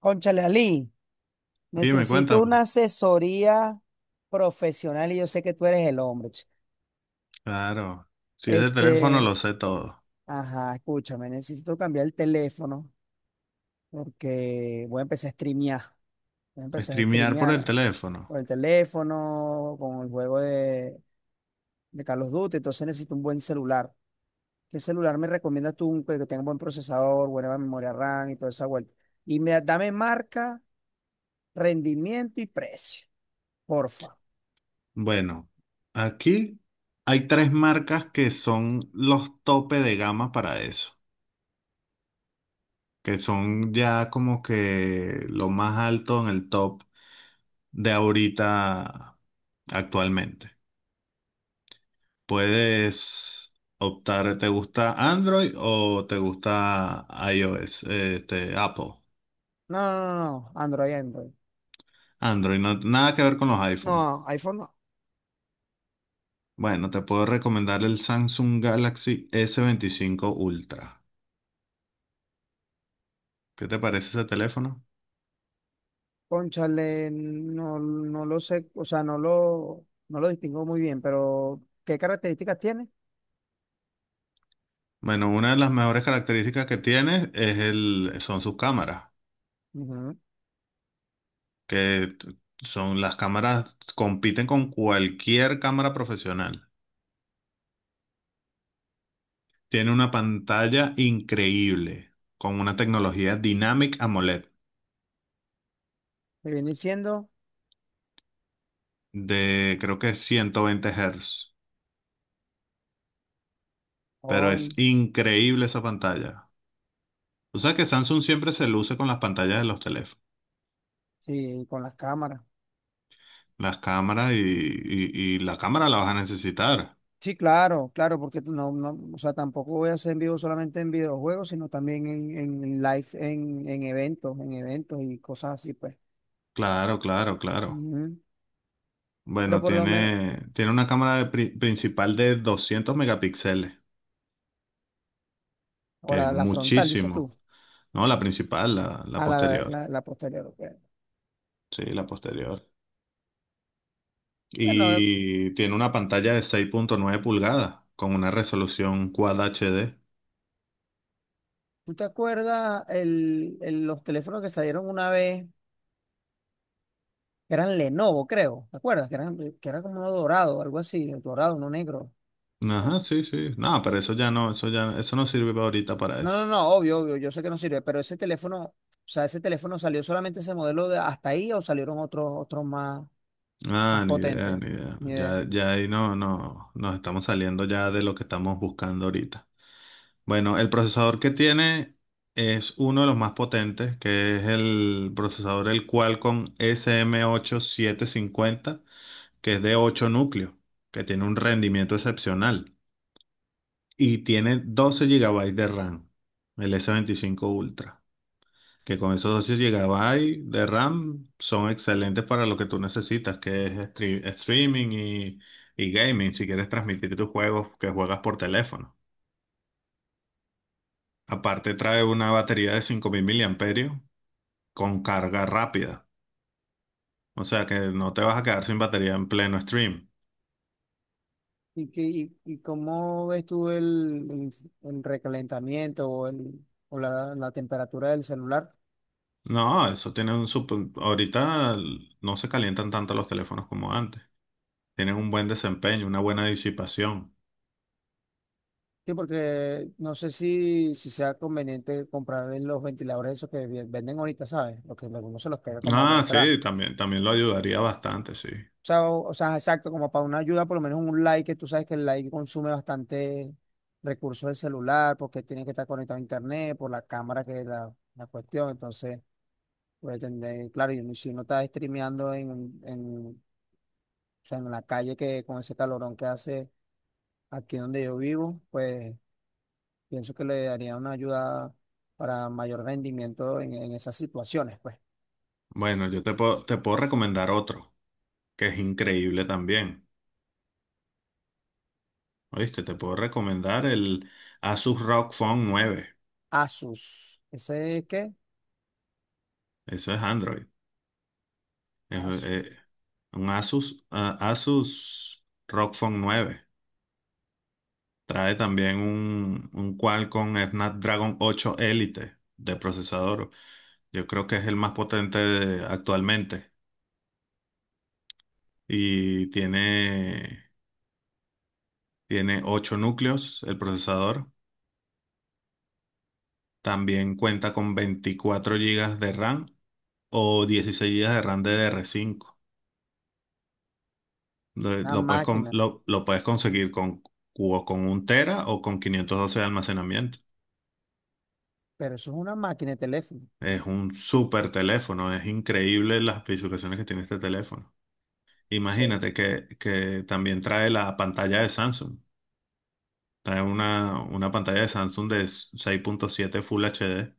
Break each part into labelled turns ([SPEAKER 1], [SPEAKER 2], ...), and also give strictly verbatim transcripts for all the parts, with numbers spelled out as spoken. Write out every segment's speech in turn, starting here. [SPEAKER 1] Cónchale, Ali,
[SPEAKER 2] Dime,
[SPEAKER 1] necesito
[SPEAKER 2] cuéntame.
[SPEAKER 1] una asesoría profesional y yo sé que tú eres el hombre. ch-
[SPEAKER 2] Claro, si es de teléfono
[SPEAKER 1] Este,
[SPEAKER 2] lo sé todo.
[SPEAKER 1] ajá, escúchame, necesito cambiar el teléfono porque voy a empezar a streamear. Voy a empezar a
[SPEAKER 2] Streamear por el
[SPEAKER 1] streamear
[SPEAKER 2] teléfono.
[SPEAKER 1] por el teléfono, con el juego de, de Call of Duty. Entonces necesito un buen celular. ¿Qué celular me recomiendas tú que que tenga buen procesador, buena memoria RAM y toda esa vuelta? Y me, dame marca, rendimiento y precio, porfa.
[SPEAKER 2] Bueno, aquí hay tres marcas que son los tope de gama para eso, que son ya como que lo más alto en el top de ahorita actualmente. Puedes optar, ¿te gusta Android o te gusta iOS? Este, Apple.
[SPEAKER 1] No, no, no, no, Android, Android.
[SPEAKER 2] Android, no- nada que ver con los iPhone.
[SPEAKER 1] No, iPhone no.
[SPEAKER 2] Bueno, te puedo recomendar el Samsung Galaxy s veinticinco Ultra. ¿Qué te parece ese teléfono?
[SPEAKER 1] Cónchale, no, no lo sé, o sea, no lo, no lo distingo muy bien, pero ¿qué características tiene?
[SPEAKER 2] Bueno, una de las mejores características que tiene es el, son sus cámaras,
[SPEAKER 1] Ujú.
[SPEAKER 2] que t- son las cámaras, compiten con cualquier cámara profesional. Tiene una pantalla increíble, con una tecnología Dynamic AMOLED
[SPEAKER 1] Me viene diciendo,
[SPEAKER 2] de creo que ciento veinte Hz, pero es
[SPEAKER 1] con,
[SPEAKER 2] increíble esa pantalla. O sea que Samsung siempre se luce con las pantallas de los teléfonos.
[SPEAKER 1] sí, con las cámaras.
[SPEAKER 2] Las cámaras y, y, y la cámara la vas a necesitar.
[SPEAKER 1] Sí, claro, claro, porque tú no, no, o sea, tampoco voy a hacer en vivo solamente en videojuegos, sino también en, en live, en, en eventos, en eventos y cosas así, pues.
[SPEAKER 2] Claro, claro, claro.
[SPEAKER 1] Ujú. Pero
[SPEAKER 2] Bueno,
[SPEAKER 1] por lo menos,
[SPEAKER 2] tiene, tiene una cámara de pri- principal de doscientos megapíxeles,
[SPEAKER 1] o
[SPEAKER 2] que es
[SPEAKER 1] la, la frontal, dices
[SPEAKER 2] muchísimo.
[SPEAKER 1] tú.
[SPEAKER 2] No, la principal, la, la
[SPEAKER 1] A la,
[SPEAKER 2] posterior.
[SPEAKER 1] la, la posterior. Ok.
[SPEAKER 2] Sí, la posterior.
[SPEAKER 1] Bueno,
[SPEAKER 2] Y tiene una pantalla de seis punto nueve pulgadas con una resolución Quad H D.
[SPEAKER 1] ¿tú te acuerdas el, el- los teléfonos que salieron una vez? Que eran Lenovo, creo. ¿Te acuerdas? Que eran, que era como uno dorado, algo así, dorado, no negro.
[SPEAKER 2] Ajá,
[SPEAKER 1] El-
[SPEAKER 2] sí, sí. No, pero eso ya no, eso ya, eso no sirve ahorita para
[SPEAKER 1] No, no,
[SPEAKER 2] eso.
[SPEAKER 1] no, obvio, obvio, yo sé que no sirve, pero ese teléfono, o sea, ese teléfono salió solamente ese modelo de hasta ahí, o salieron otros, otros más, más
[SPEAKER 2] Ah, ni idea,
[SPEAKER 1] potentes.
[SPEAKER 2] ni idea.
[SPEAKER 1] Ni idea.
[SPEAKER 2] Ya, ya ahí no, no, nos estamos saliendo ya de lo que estamos buscando ahorita. Bueno, el procesador que tiene es uno de los más potentes, que es el procesador el Qualcomm S M ocho siete cinco cero, que es de ocho núcleos, que tiene un rendimiento excepcional y tiene doce gigabytes de RAM, el S veinticinco Ultra que con esos dos llegaba ahí de RAM son excelentes para lo que tú necesitas, que es stre- streaming y, y gaming, si quieres transmitir tus juegos que juegas por teléfono. Aparte trae una batería de cinco mil miliamperios con carga rápida, o sea que no te vas a quedar sin batería en pleno stream.
[SPEAKER 1] ¿Y, qué- y, y cómo ves tú el, el- el recalentamiento, o, el, o la, la temperatura del celular?
[SPEAKER 2] No, eso tiene un super... Ahorita no se calientan tanto los teléfonos como antes. Tienen un buen desempeño, una buena disipación.
[SPEAKER 1] Sí, porque no sé si, si sea conveniente comprar los ventiladores esos que vi- venden ahorita, ¿sabes? Los que algunos se los pega como
[SPEAKER 2] Ah,
[SPEAKER 1] detrás.
[SPEAKER 2] sí, también, también lo ayudaría bastante, sí.
[SPEAKER 1] O sea, o, o sea, exacto, como para una ayuda, por lo menos un like, que tú sabes que el like consume bastante recursos del celular, porque tiene que estar conectado a internet, por la cámara que es la, la cuestión. Entonces, puede tener, claro, y si uno está streameando en, en, o sea, en la calle, que con ese calorón que hace aquí donde yo vivo, pues pienso que le daría una ayuda para mayor rendimiento en, en esas situaciones, pues.
[SPEAKER 2] Bueno, yo te puedo, te puedo recomendar otro, que es increíble también. ¿Oíste? Te puedo recomendar el Asus R O G Phone nueve.
[SPEAKER 1] Asus, ¿ese es qué?
[SPEAKER 2] Eso es Android. Es, eh,
[SPEAKER 1] Asus,
[SPEAKER 2] un Asus, ah, Asus R O G Phone nueve. Trae también un, un Qualcomm Snapdragon ocho Elite de procesador. Yo creo que es el más potente de- actualmente. Y tiene, tiene ocho núcleos el procesador. También cuenta con veinticuatro gigas de RAM o dieciséis G B de RAM D D R cinco. Lo,
[SPEAKER 1] una
[SPEAKER 2] lo puedes, con-
[SPEAKER 1] máquina.
[SPEAKER 2] lo, lo puedes conseguir con, o con un tera o con quinientos doce de almacenamiento.
[SPEAKER 1] Pero eso es una máquina de teléfono. O
[SPEAKER 2] Es un súper teléfono, es increíble las especificaciones que tiene este teléfono.
[SPEAKER 1] sea,
[SPEAKER 2] Imagínate que, que también trae la pantalla de Samsung. Trae una, una pantalla de Samsung de seis punto siete Full H D,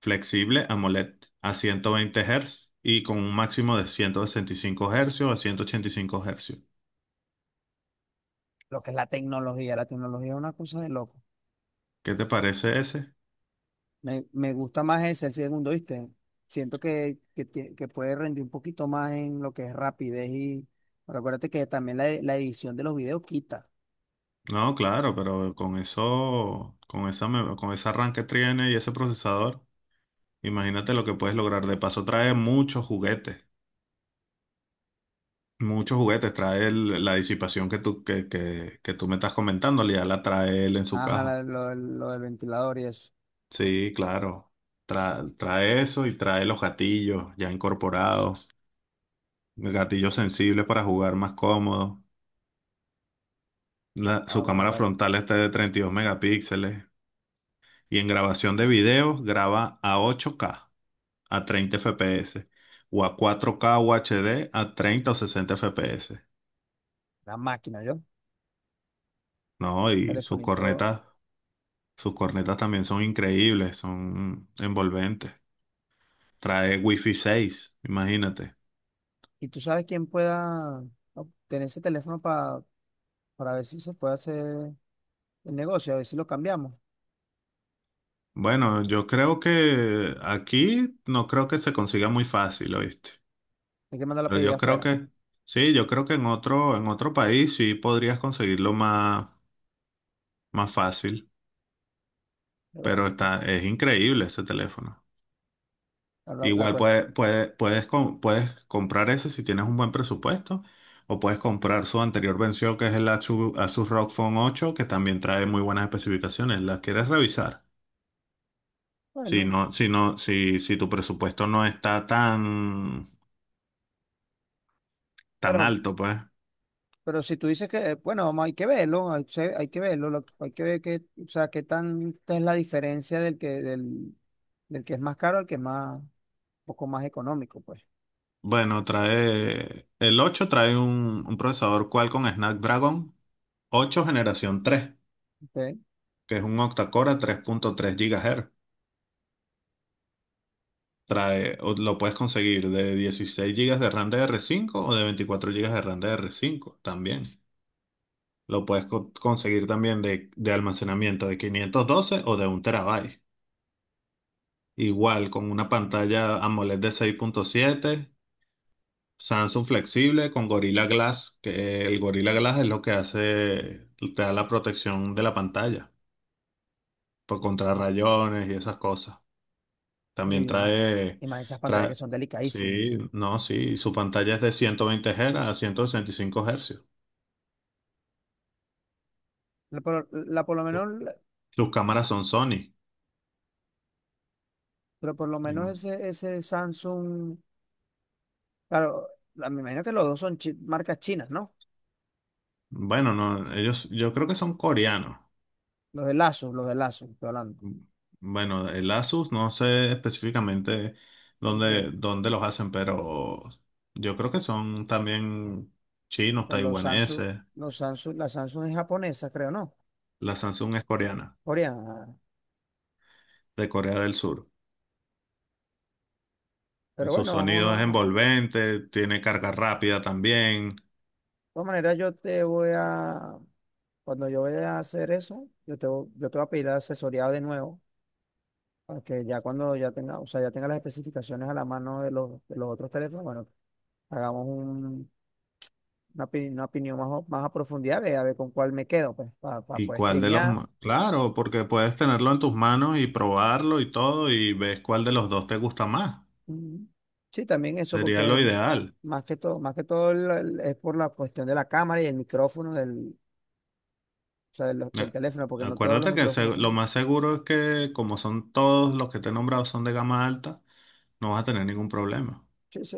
[SPEAKER 2] flexible AMOLED a ciento veinte Hz y con un máximo de ciento sesenta y cinco Hz a ciento ochenta y cinco Hz.
[SPEAKER 1] lo que es la tecnología, la tecnología es una cosa de loco.
[SPEAKER 2] ¿Qué te parece ese?
[SPEAKER 1] Me, me gusta más ese, el segundo, ¿viste? Siento que, que, tie- que puede rendir un poquito más en lo que es rapidez. Y pero acuérdate que también la, la edición de los videos quita.
[SPEAKER 2] No, claro, pero con eso, con esa, me- con ese arranque tiene y ese procesador, imagínate lo que puedes lograr. De paso, trae muchos juguetes, muchos juguetes. Trae el- la disipación que tú, que, que, que tú me estás comentando, ya la trae él en su
[SPEAKER 1] Ajá, la-
[SPEAKER 2] caja.
[SPEAKER 1] lo, lo del ventilador y eso.
[SPEAKER 2] Sí, claro. Tra- trae eso y trae los gatillos ya incorporados, gatillos sensibles para jugar más cómodo. La- su
[SPEAKER 1] Ahora con lo
[SPEAKER 2] cámara
[SPEAKER 1] que-
[SPEAKER 2] frontal está de treinta y dos megapíxeles y en grabación de videos graba a ocho K a treinta F P S o a cuatro k U H D a treinta o sesenta F P S,
[SPEAKER 1] la máquina, yo,
[SPEAKER 2] ¿no? Y sus
[SPEAKER 1] telefonito.
[SPEAKER 2] cornetas, sus cornetas también son increíbles, son envolventes. Trae Wi-Fi seis, imagínate.
[SPEAKER 1] ¿Y tú sabes quién pueda obtener ese teléfono pa- para ver si se puede hacer el negocio, a ver si lo cambiamos?
[SPEAKER 2] Bueno, yo creo que aquí no creo que se consiga muy fácil, ¿oíste?
[SPEAKER 1] Hay que mandar la
[SPEAKER 2] Pero
[SPEAKER 1] pedida
[SPEAKER 2] yo creo
[SPEAKER 1] afuera.
[SPEAKER 2] que sí, yo creo que en otro en otro país sí podrías conseguirlo más más fácil,
[SPEAKER 1] Lo que
[SPEAKER 2] pero
[SPEAKER 1] pasa es que
[SPEAKER 2] está es increíble ese teléfono.
[SPEAKER 1] la, la
[SPEAKER 2] Igual
[SPEAKER 1] cuesta.
[SPEAKER 2] puede- puede- puedes, com- puedes comprar ese si tienes un buen presupuesto, o puedes comprar su anterior venció que es el Asus Asus, R O G Phone ocho, que también trae muy buenas especificaciones. ¿Las quieres revisar? Si
[SPEAKER 1] Bueno,
[SPEAKER 2] no, si no, si, si tu presupuesto no está tan, tan
[SPEAKER 1] pero,
[SPEAKER 2] alto, pues.
[SPEAKER 1] pero si tú dices que, eh, bueno, vamos, hay que verlo. Hay, se- hay que verlo. Lo- hay que ver qué, o sea, qué tanta es la diferencia del que, del, del que es más caro al que es más, un poco más económico, pues.
[SPEAKER 2] Bueno, trae. El ocho trae un, un procesador Qualcomm Snapdragon ocho generación tres
[SPEAKER 1] ¿Ok?
[SPEAKER 2] que es un octa-core a tres punto tres GHz. Trae, o lo puedes conseguir de dieciséis gigas de RAM de r cinco o de veinticuatro gigas de RAM de r cinco también. Lo puedes co- conseguir también de, de almacenamiento de quinientos doce o de un terabyte. Igual con una pantalla AMOLED de seis punto siete Samsung flexible con Gorilla Glass, que el Gorilla Glass es lo que hace, te da la protección de la pantalla por contra rayones y esas cosas. También
[SPEAKER 1] Y más,
[SPEAKER 2] trae,
[SPEAKER 1] y más esas pantallas que
[SPEAKER 2] trae,
[SPEAKER 1] son delicadísimas.
[SPEAKER 2] sí, no, sí, su pantalla es de ciento veinte Hz a ciento sesenta y cinco Hz.
[SPEAKER 1] La, por, la por lo menos,
[SPEAKER 2] Su-
[SPEAKER 1] la-
[SPEAKER 2] Sus cámaras son Sony.
[SPEAKER 1] Pero por lo
[SPEAKER 2] Y,
[SPEAKER 1] menos ese, ese Samsung. Claro, la- me imagino que los dos son chi- marcas chinas, ¿no?
[SPEAKER 2] Bueno, no, ellos, yo creo que son coreanos.
[SPEAKER 1] Los de Lazo, los de Lazo, estoy hablando.
[SPEAKER 2] Bueno, el Asus, no sé específicamente
[SPEAKER 1] Porque,
[SPEAKER 2] dónde, dónde los hacen, pero yo creo que son también chinos,
[SPEAKER 1] porque los Samsung,
[SPEAKER 2] taiwaneses.
[SPEAKER 1] los Samsung, la Samsung es japonesa, creo, ¿no?
[SPEAKER 2] La Samsung es coreana,
[SPEAKER 1] Coreana.
[SPEAKER 2] de Corea del Sur.
[SPEAKER 1] Pero
[SPEAKER 2] Su
[SPEAKER 1] bueno, vamos
[SPEAKER 2] sonido es
[SPEAKER 1] a. De
[SPEAKER 2] envolvente, tiene carga rápida también.
[SPEAKER 1] todas maneras, yo te voy a. Cuando yo vaya a hacer eso, yo te, vo- yo te voy a pedir asesoría de nuevo. Para que ya cuando ya tenga, o sea, ya tenga las especificaciones a la mano de los, de los otros teléfonos, bueno, hagamos un- una, opi- una opinión más, o- más a profundidad, ve a ver con cuál me quedo, pues, para
[SPEAKER 2] ¿Y
[SPEAKER 1] poder
[SPEAKER 2] cuál de los...
[SPEAKER 1] streamear.
[SPEAKER 2] ma- Claro, porque puedes tenerlo en tus manos y probarlo y todo y ves cuál de los dos te gusta más.
[SPEAKER 1] Mm. Sí, también eso,
[SPEAKER 2] Sería
[SPEAKER 1] porque
[SPEAKER 2] lo
[SPEAKER 1] el-
[SPEAKER 2] ideal.
[SPEAKER 1] más que todo, más que todo el- el- es por la cuestión de la cámara y el micrófono del, o sea, de los- del
[SPEAKER 2] Eh,
[SPEAKER 1] teléfono, porque no todos los
[SPEAKER 2] Acuérdate que se-
[SPEAKER 1] micrófonos
[SPEAKER 2] lo
[SPEAKER 1] son.
[SPEAKER 2] más seguro es que como son todos los que te he nombrado son de gama alta, no vas a tener ningún problema.
[SPEAKER 1] Sí, sí.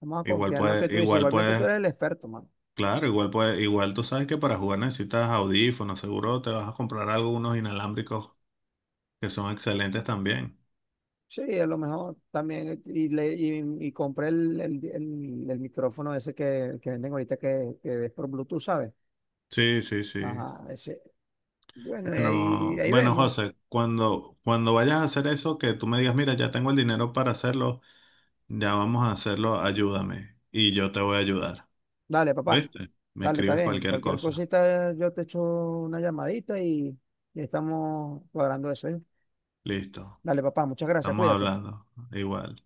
[SPEAKER 1] Vamos a
[SPEAKER 2] Igual
[SPEAKER 1] confiar en lo que
[SPEAKER 2] puedes,
[SPEAKER 1] tú dices.
[SPEAKER 2] igual
[SPEAKER 1] Igualmente tú
[SPEAKER 2] puedes,
[SPEAKER 1] eres el experto, mano.
[SPEAKER 2] claro, igual puedes, igual tú sabes que para jugar necesitas audífonos, seguro te vas a comprar algunos inalámbricos que son excelentes también.
[SPEAKER 1] Sí, a lo mejor también. Y, le, y, y compré el, el, el- el micrófono ese que, que venden ahorita, que, que es por Bluetooth, ¿sabes?
[SPEAKER 2] Sí, sí, sí.
[SPEAKER 1] Ajá, ese. Bueno, y ahí,
[SPEAKER 2] Bueno,
[SPEAKER 1] ahí
[SPEAKER 2] bueno,
[SPEAKER 1] vemos.
[SPEAKER 2] José, cuando, cuando vayas a hacer eso, que tú me digas, mira, ya tengo el dinero para hacerlo, ya vamos a hacerlo, ayúdame y yo te voy a ayudar.
[SPEAKER 1] Dale, papá.
[SPEAKER 2] ¿Viste? Me
[SPEAKER 1] Dale, está
[SPEAKER 2] escribes
[SPEAKER 1] bien.
[SPEAKER 2] cualquier
[SPEAKER 1] Cualquier
[SPEAKER 2] cosa.
[SPEAKER 1] cosita, yo te echo una llamadita y, y estamos cuadrando eso, ¿eh?
[SPEAKER 2] Listo.
[SPEAKER 1] Dale, papá. Muchas gracias.
[SPEAKER 2] Estamos
[SPEAKER 1] Cuídate.
[SPEAKER 2] hablando. Igual.